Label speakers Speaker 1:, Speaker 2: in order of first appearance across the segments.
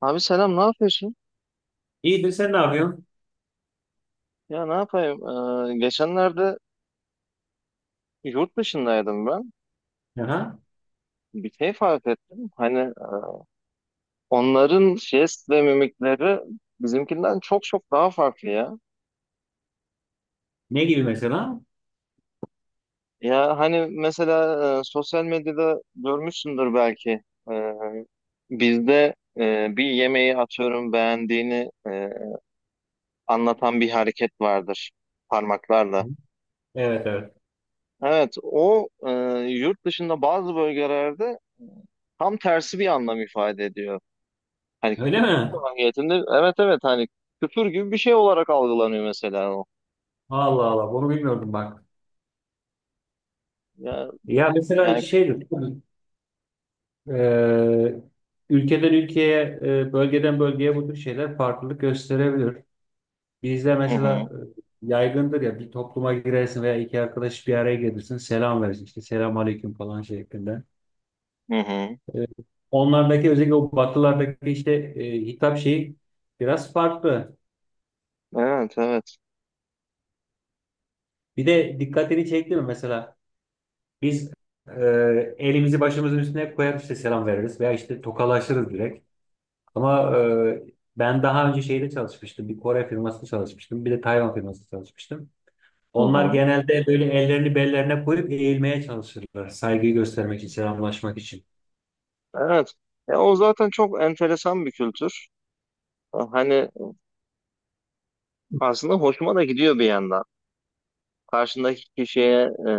Speaker 1: Abi selam, ne yapıyorsun?
Speaker 2: İyidir, sen ne yapıyorsun?
Speaker 1: Ya ne yapayım? Geçenlerde yurt dışındaydım ben.
Speaker 2: Aha.
Speaker 1: Bir şey fark ettim. Hani onların jest ve mimikleri bizimkinden çok çok daha farklı ya.
Speaker 2: Ne gibi mesela?
Speaker 1: Ya hani mesela sosyal medyada görmüşsündür belki. Ee, Bizde bir yemeği, atıyorum, beğendiğini anlatan bir hareket vardır, parmaklarla.
Speaker 2: Evet, evet.
Speaker 1: Evet, o yurt dışında bazı bölgelerde tam tersi bir anlam ifade ediyor. Hani
Speaker 2: Öyle
Speaker 1: küfür
Speaker 2: mi?
Speaker 1: mahiyetinde, evet evet, hani küfür gibi bir şey olarak algılanıyor mesela o.
Speaker 2: Allah Allah, bunu bilmiyordum bak.
Speaker 1: Ya,
Speaker 2: Ya mesela
Speaker 1: yani,
Speaker 2: şeydir e, ülkeden ülkeye, bölgeden bölgeye bu tür şeyler farklılık gösterebilir. Bizde
Speaker 1: hı hı,
Speaker 2: mesela yaygındır ya, bir topluma girersin veya iki arkadaş bir araya gelirsin, selam verirsin işte selam aleyküm falan şeklinde.
Speaker 1: hı hı.
Speaker 2: E, Onlardaki, özellikle o batılardaki işte hitap şeyi biraz farklı.
Speaker 1: Evet evet.
Speaker 2: Bir de dikkatini çekti mi mesela? Biz elimizi başımızın üstüne koyar işte selam veririz veya işte tokalaşırız direkt. Ama ben daha önce şeyde çalışmıştım. Bir Kore firmasında çalışmıştım. Bir de Tayvan firmasında çalışmıştım.
Speaker 1: Hı
Speaker 2: Onlar
Speaker 1: hı.
Speaker 2: genelde böyle ellerini bellerine koyup eğilmeye çalışırlar. Saygıyı göstermek için, selamlaşmak için.
Speaker 1: Evet. Ya, o zaten çok enteresan bir kültür. Hani aslında hoşuma da gidiyor bir yandan. Karşındaki kişiye,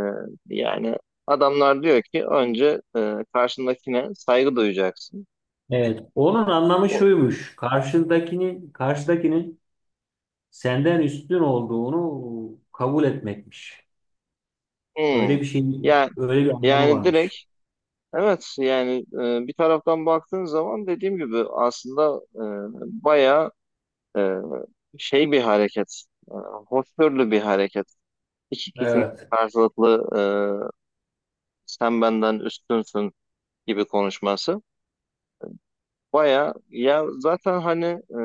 Speaker 1: yani adamlar diyor ki, önce karşındakine saygı duyacaksın.
Speaker 2: Evet. Onun anlamı
Speaker 1: O,
Speaker 2: şuymuş: karşındakinin, karşıdakinin senden üstün olduğunu kabul etmekmiş.
Speaker 1: hı.
Speaker 2: Öyle bir şeyin,
Speaker 1: Yani,
Speaker 2: öyle bir anlamı
Speaker 1: yani direkt
Speaker 2: varmış.
Speaker 1: Evet, yani bir taraftan baktığın zaman, dediğim gibi, aslında bayağı e, şey bir hareket, e, hoşgörülü bir hareket. İki kişinin
Speaker 2: Evet.
Speaker 1: karşılıklı, sen benden üstünsün gibi konuşması. Bayağı ya, zaten hani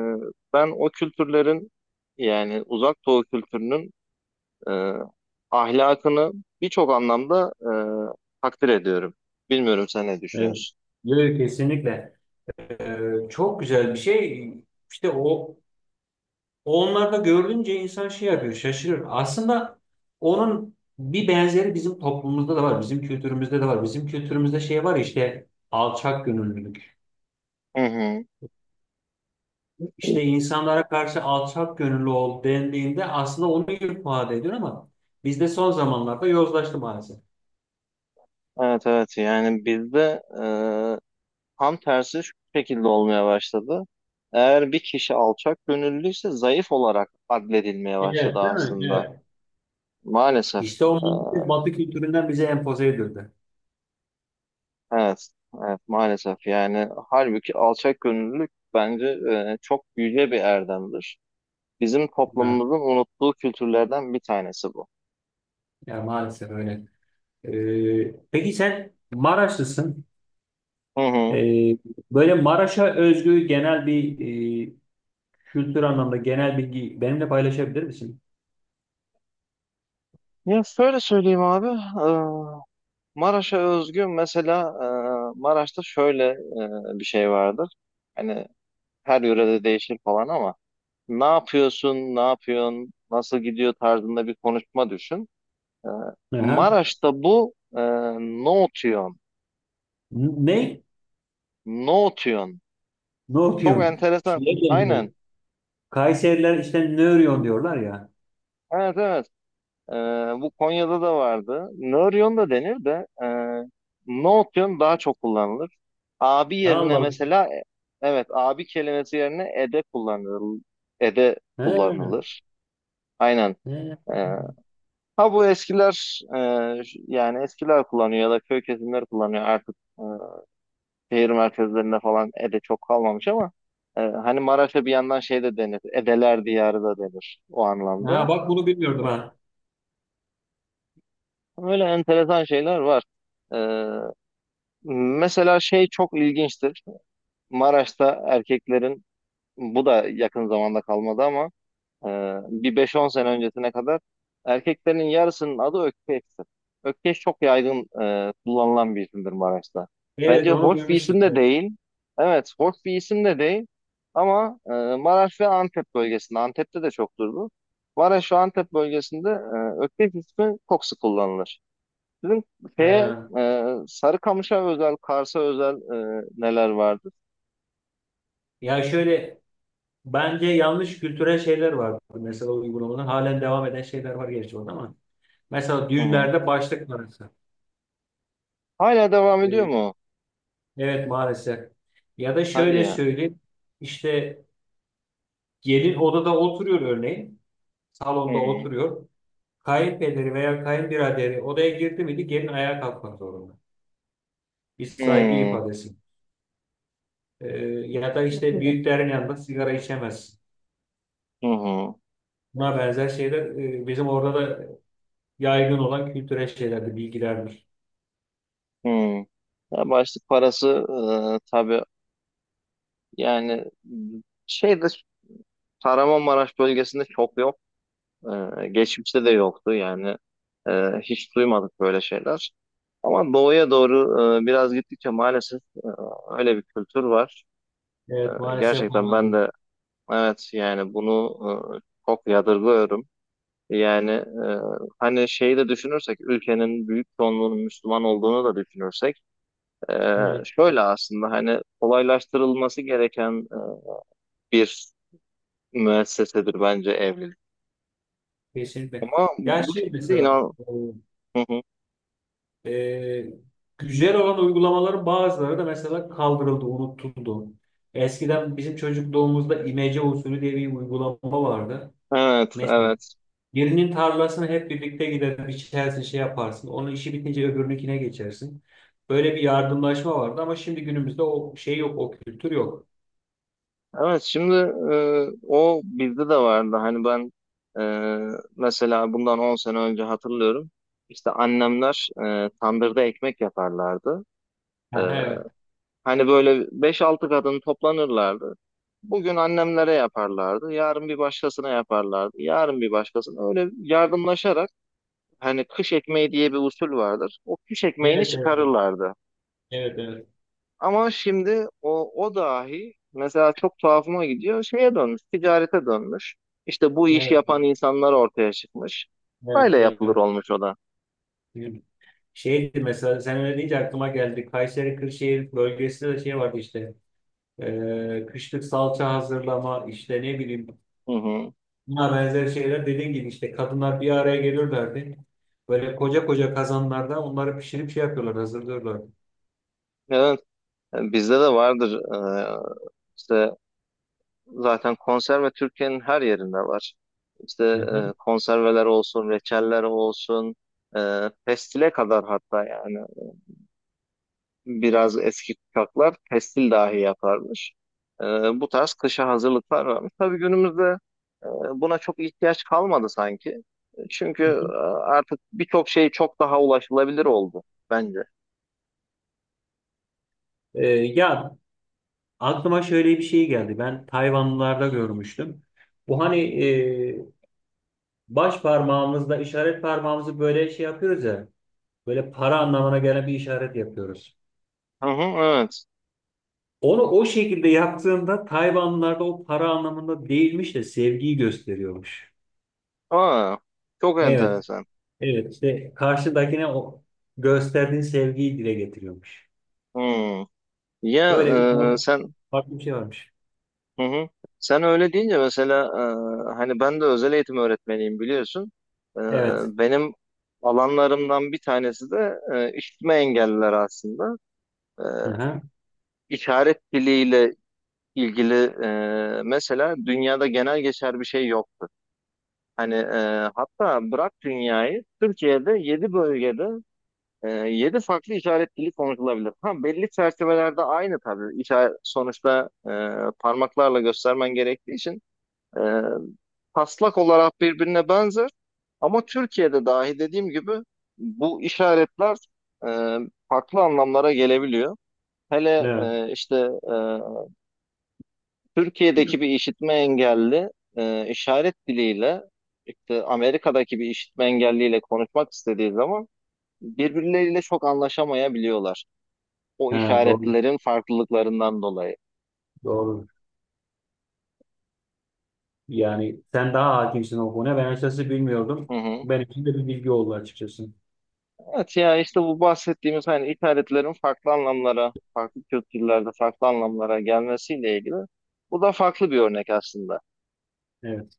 Speaker 1: ben o kültürlerin, yani Uzak Doğu kültürünün, e, ahlakını birçok anlamda takdir ediyorum. Bilmiyorum, sen ne
Speaker 2: Evet.
Speaker 1: düşünüyorsun?
Speaker 2: Yok, kesinlikle. Çok güzel bir şey. İşte o, onlarda görünce insan şey yapıyor, şaşırır. Aslında onun bir benzeri bizim toplumumuzda da var, bizim kültürümüzde de var. Bizim kültürümüzde şey var işte, alçak gönüllülük.
Speaker 1: Hı hı.
Speaker 2: İşte insanlara karşı alçak gönüllü ol dendiğinde aslında onu ifade ediyor, ama bizde son zamanlarda yozlaştı maalesef.
Speaker 1: Evet evet, yani bizde tam tersi şu şekilde olmaya başladı. Eğer bir kişi alçak gönüllüyse, zayıf olarak adledilmeye başladı
Speaker 2: Evet, değil mi?
Speaker 1: aslında.
Speaker 2: Evet.
Speaker 1: Maalesef.
Speaker 2: İşte o
Speaker 1: E,
Speaker 2: maalesef Batı kültüründen bize empoze edildi.
Speaker 1: evet, evet maalesef, yani halbuki alçak gönüllülük bence çok yüce bir erdemdir. Bizim
Speaker 2: Evet.
Speaker 1: toplumumuzun unuttuğu kültürlerden bir tanesi bu.
Speaker 2: Yani maalesef öyle. Peki sen Maraşlısın.
Speaker 1: Hı hı.
Speaker 2: Ee, Böyle Maraş'a özgü genel bir e, kültür anlamda genel bilgi benimle paylaşabilir misin?
Speaker 1: Ya şöyle söyleyeyim abi. Maraş'a özgü mesela, Maraş'ta şöyle bir şey vardır. Hani her yörede değişir falan ama, ne yapıyorsun, ne yapıyorsun, nasıl gidiyor tarzında bir konuşma düşün. E,
Speaker 2: Aha.
Speaker 1: Maraş'ta bu ne otuyon,
Speaker 2: N- Ne?
Speaker 1: ne otuyon.
Speaker 2: Ne
Speaker 1: Çok
Speaker 2: okuyorsun?
Speaker 1: enteresan.
Speaker 2: Şeye benziyor.
Speaker 1: Aynen.
Speaker 2: Kayseriler işte ne örüyorsun diyorlar ya.
Speaker 1: Evet evet. Ee, Bu Konya'da da vardı. Nöryon da denir de, Nootyon daha çok kullanılır. Abi yerine
Speaker 2: Allah Allah.
Speaker 1: mesela evet, abi kelimesi yerine ede kullanılır. Ede
Speaker 2: Ha,
Speaker 1: kullanılır. Aynen.
Speaker 2: ha.
Speaker 1: Ee, ha, bu eskiler, yani eskiler kullanıyor ya da köy kesimleri kullanıyor artık. Şehir merkezlerinde falan ede çok kalmamış ama hani Maraş'a bir yandan şey de denir, Edeler diyarı da denir o
Speaker 2: Ha,
Speaker 1: anlamda.
Speaker 2: bak bunu bilmiyordum ha.
Speaker 1: Böyle enteresan şeyler var. Ee, Mesela şey çok ilginçtir. Maraş'ta erkeklerin, bu da yakın zamanda kalmadı ama, e, bir 5-10 sene öncesine kadar erkeklerin yarısının adı Ökkeş'tir. Ökkeş çok yaygın kullanılan bir isimdir Maraş'ta.
Speaker 2: Evet,
Speaker 1: Bence
Speaker 2: onu
Speaker 1: hoş bir
Speaker 2: duymuştum.
Speaker 1: isim de
Speaker 2: Evet.
Speaker 1: değil. Evet, hoş bir isim de değil. Ama Maraş ve Antep bölgesinde, Antep'te de çoktur bu. Maraş ve Antep bölgesinde Ökkeş ismi çok sık kullanılır. Sizin şeye,
Speaker 2: Ha.
Speaker 1: Sarıkamış'a özel, Kars'a özel, neler vardı?
Speaker 2: Ya şöyle, bence yanlış kültürel şeyler var. Mesela uygulamadan halen devam eden şeyler var gerçi orada ama. Mesela
Speaker 1: Hı hı.
Speaker 2: düğünlerde başlık parası.
Speaker 1: Hala devam ediyor mu?
Speaker 2: Evet maalesef. Ya da
Speaker 1: Hadi
Speaker 2: şöyle
Speaker 1: ya.
Speaker 2: söyleyeyim. İşte gelin odada oturuyor örneğin.
Speaker 1: Hı
Speaker 2: Salonda
Speaker 1: hı.
Speaker 2: oturuyor. Kayınpederi veya kayınbiraderi odaya girdi miydi gelin ayağa kalkmak zorunda. Bir
Speaker 1: Hı
Speaker 2: saygı
Speaker 1: hı.
Speaker 2: ifadesi. Ee, Ya da işte büyüklerin yanında sigara içemez.
Speaker 1: Hı hı.
Speaker 2: Buna benzer şeyler bizim orada da yaygın olan kültürel şeylerdir, bilgilerdir.
Speaker 1: Ya başlık parası, tabii, yani şeyde, Kahramanmaraş bölgesinde çok yok. Geçmişte de yoktu yani. E, Hiç duymadık böyle şeyler. Ama doğuya doğru biraz gittikçe, maalesef, öyle bir kültür var.
Speaker 2: Evet
Speaker 1: E,
Speaker 2: maalesef
Speaker 1: gerçekten
Speaker 2: var abi.
Speaker 1: ben de Evet, yani bunu çok yadırgıyorum. Yani hani şeyi de düşünürsek, ülkenin büyük çoğunluğunun Müslüman olduğunu da düşünürsek, e,
Speaker 2: Evet,
Speaker 1: şöyle aslında, hani, kolaylaştırılması gereken bir müessesedir bence evlilik.
Speaker 2: kesinlikle.
Speaker 1: Ama
Speaker 2: Ya
Speaker 1: bu
Speaker 2: şey
Speaker 1: şekilde
Speaker 2: mesela
Speaker 1: inan. Hı hı.
Speaker 2: E, güzel olan uygulamaların bazıları da mesela kaldırıldı, unutuldu. Eskiden bizim çocukluğumuzda imece usulü diye bir uygulama vardı.
Speaker 1: Evet
Speaker 2: Mesela
Speaker 1: evet.
Speaker 2: birinin tarlasını hep birlikte gider, biçersin, şey yaparsın. Onun işi bitince öbürününkine geçersin. Böyle bir yardımlaşma vardı, ama şimdi günümüzde o şey yok, o kültür yok.
Speaker 1: Evet, şimdi o bizde de vardı. Hani ben, mesela, bundan 10 sene önce hatırlıyorum. İşte annemler tandırda ekmek yaparlardı. E,
Speaker 2: Aha, evet.
Speaker 1: Hani böyle beş altı kadın toplanırlardı. Bugün annemlere yaparlardı, yarın bir başkasına yaparlardı, yarın bir başkasına. Öyle yardımlaşarak, hani, kış ekmeği diye bir usul vardır. O kış ekmeğini
Speaker 2: Evet, evet,
Speaker 1: çıkarırlardı.
Speaker 2: evet, evet,
Speaker 1: Ama şimdi o dahi mesela çok tuhafıma gidiyor. Şeye dönmüş, ticarete dönmüş. İşte bu iş
Speaker 2: evet,
Speaker 1: yapan insanlar ortaya çıkmış. Böyle
Speaker 2: evet,
Speaker 1: yapılır
Speaker 2: evet.
Speaker 1: olmuş o da.
Speaker 2: Evet. Şeydi mesela, sen öyle deyince aklıma geldi. Kayseri Kırşehir bölgesinde de şey vardı işte. Kışlık salça hazırlama, işte ne bileyim,
Speaker 1: Hı hı.
Speaker 2: buna benzer şeyler, dediğin gibi işte kadınlar bir araya gelirlerdi. Böyle koca koca kazanlarda onları pişirip şey yapıyorlar, hazırlıyorlardı.
Speaker 1: Evet, bizde de vardır. İşte zaten konserve Türkiye'nin her yerinde var. İşte
Speaker 2: Hı hı.
Speaker 1: konserveler olsun, reçeller olsun, pestile kadar hatta. Yani biraz eski kuşaklar pestil dahi yaparmış. E, Bu tarz kışa hazırlıklar varmış. Tabii günümüzde e, buna çok ihtiyaç kalmadı sanki. Çünkü
Speaker 2: Hı hı.
Speaker 1: artık birçok şey çok daha ulaşılabilir oldu bence.
Speaker 2: Ya, aklıma şöyle bir şey geldi. Ben Tayvanlılarda görmüştüm. Bu hani baş parmağımızla işaret parmağımızı böyle şey yapıyoruz ya. Böyle para anlamına gelen bir işaret yapıyoruz.
Speaker 1: Hı hı, evet.
Speaker 2: Onu o şekilde yaptığında Tayvanlılarda o para anlamında değilmiş de sevgiyi gösteriyormuş.
Speaker 1: Aa, çok
Speaker 2: Evet,
Speaker 1: enteresan.
Speaker 2: evet, işte karşıdakine o gösterdiğin sevgiyi dile getiriyormuş.
Speaker 1: Hmm. Ya
Speaker 2: Böyle bir
Speaker 1: e,
Speaker 2: konu-
Speaker 1: sen
Speaker 2: farklı bir şey varmış.
Speaker 1: Hı hı. Sen öyle deyince mesela, hani ben de özel eğitim öğretmeniyim, biliyorsun. E,
Speaker 2: Evet.
Speaker 1: Benim alanlarımdan bir tanesi de işitme engelliler aslında. E,
Speaker 2: Aha,
Speaker 1: işaret diliyle ilgili, mesela dünyada genel geçer bir şey yoktu. Hani hatta bırak dünyayı, Türkiye'de 7 bölgede 7 farklı işaret dili konuşulabilir. Ha, belli çerçevelerde aynı tabii. İşaret, sonuçta, parmaklarla göstermen gerektiği için, E, taslak olarak birbirine benzer, ama Türkiye'de dahi, dediğim gibi, bu işaretler e, farklı anlamlara gelebiliyor. Hele
Speaker 2: evet.
Speaker 1: işte, e, Türkiye'deki bir işitme engelli, işaret diliyle, işte, Amerika'daki bir işitme engelliyle konuşmak istediği zaman, birbirleriyle çok anlaşamayabiliyorlar. O
Speaker 2: Ha, doğru.
Speaker 1: işaretlerin farklılıklarından dolayı.
Speaker 2: Doğru. Yani sen daha hakimsin o konuya. Ben açıkçası
Speaker 1: Hı
Speaker 2: bilmiyordum.
Speaker 1: hı.
Speaker 2: Benim için de bir bilgi oldu açıkçası.
Speaker 1: Evet ya, işte bu bahsettiğimiz, hani, ithalatlerin farklı anlamlara, farklı kültürlerde farklı anlamlara gelmesiyle ilgili, bu da farklı bir örnek aslında.
Speaker 2: Evet.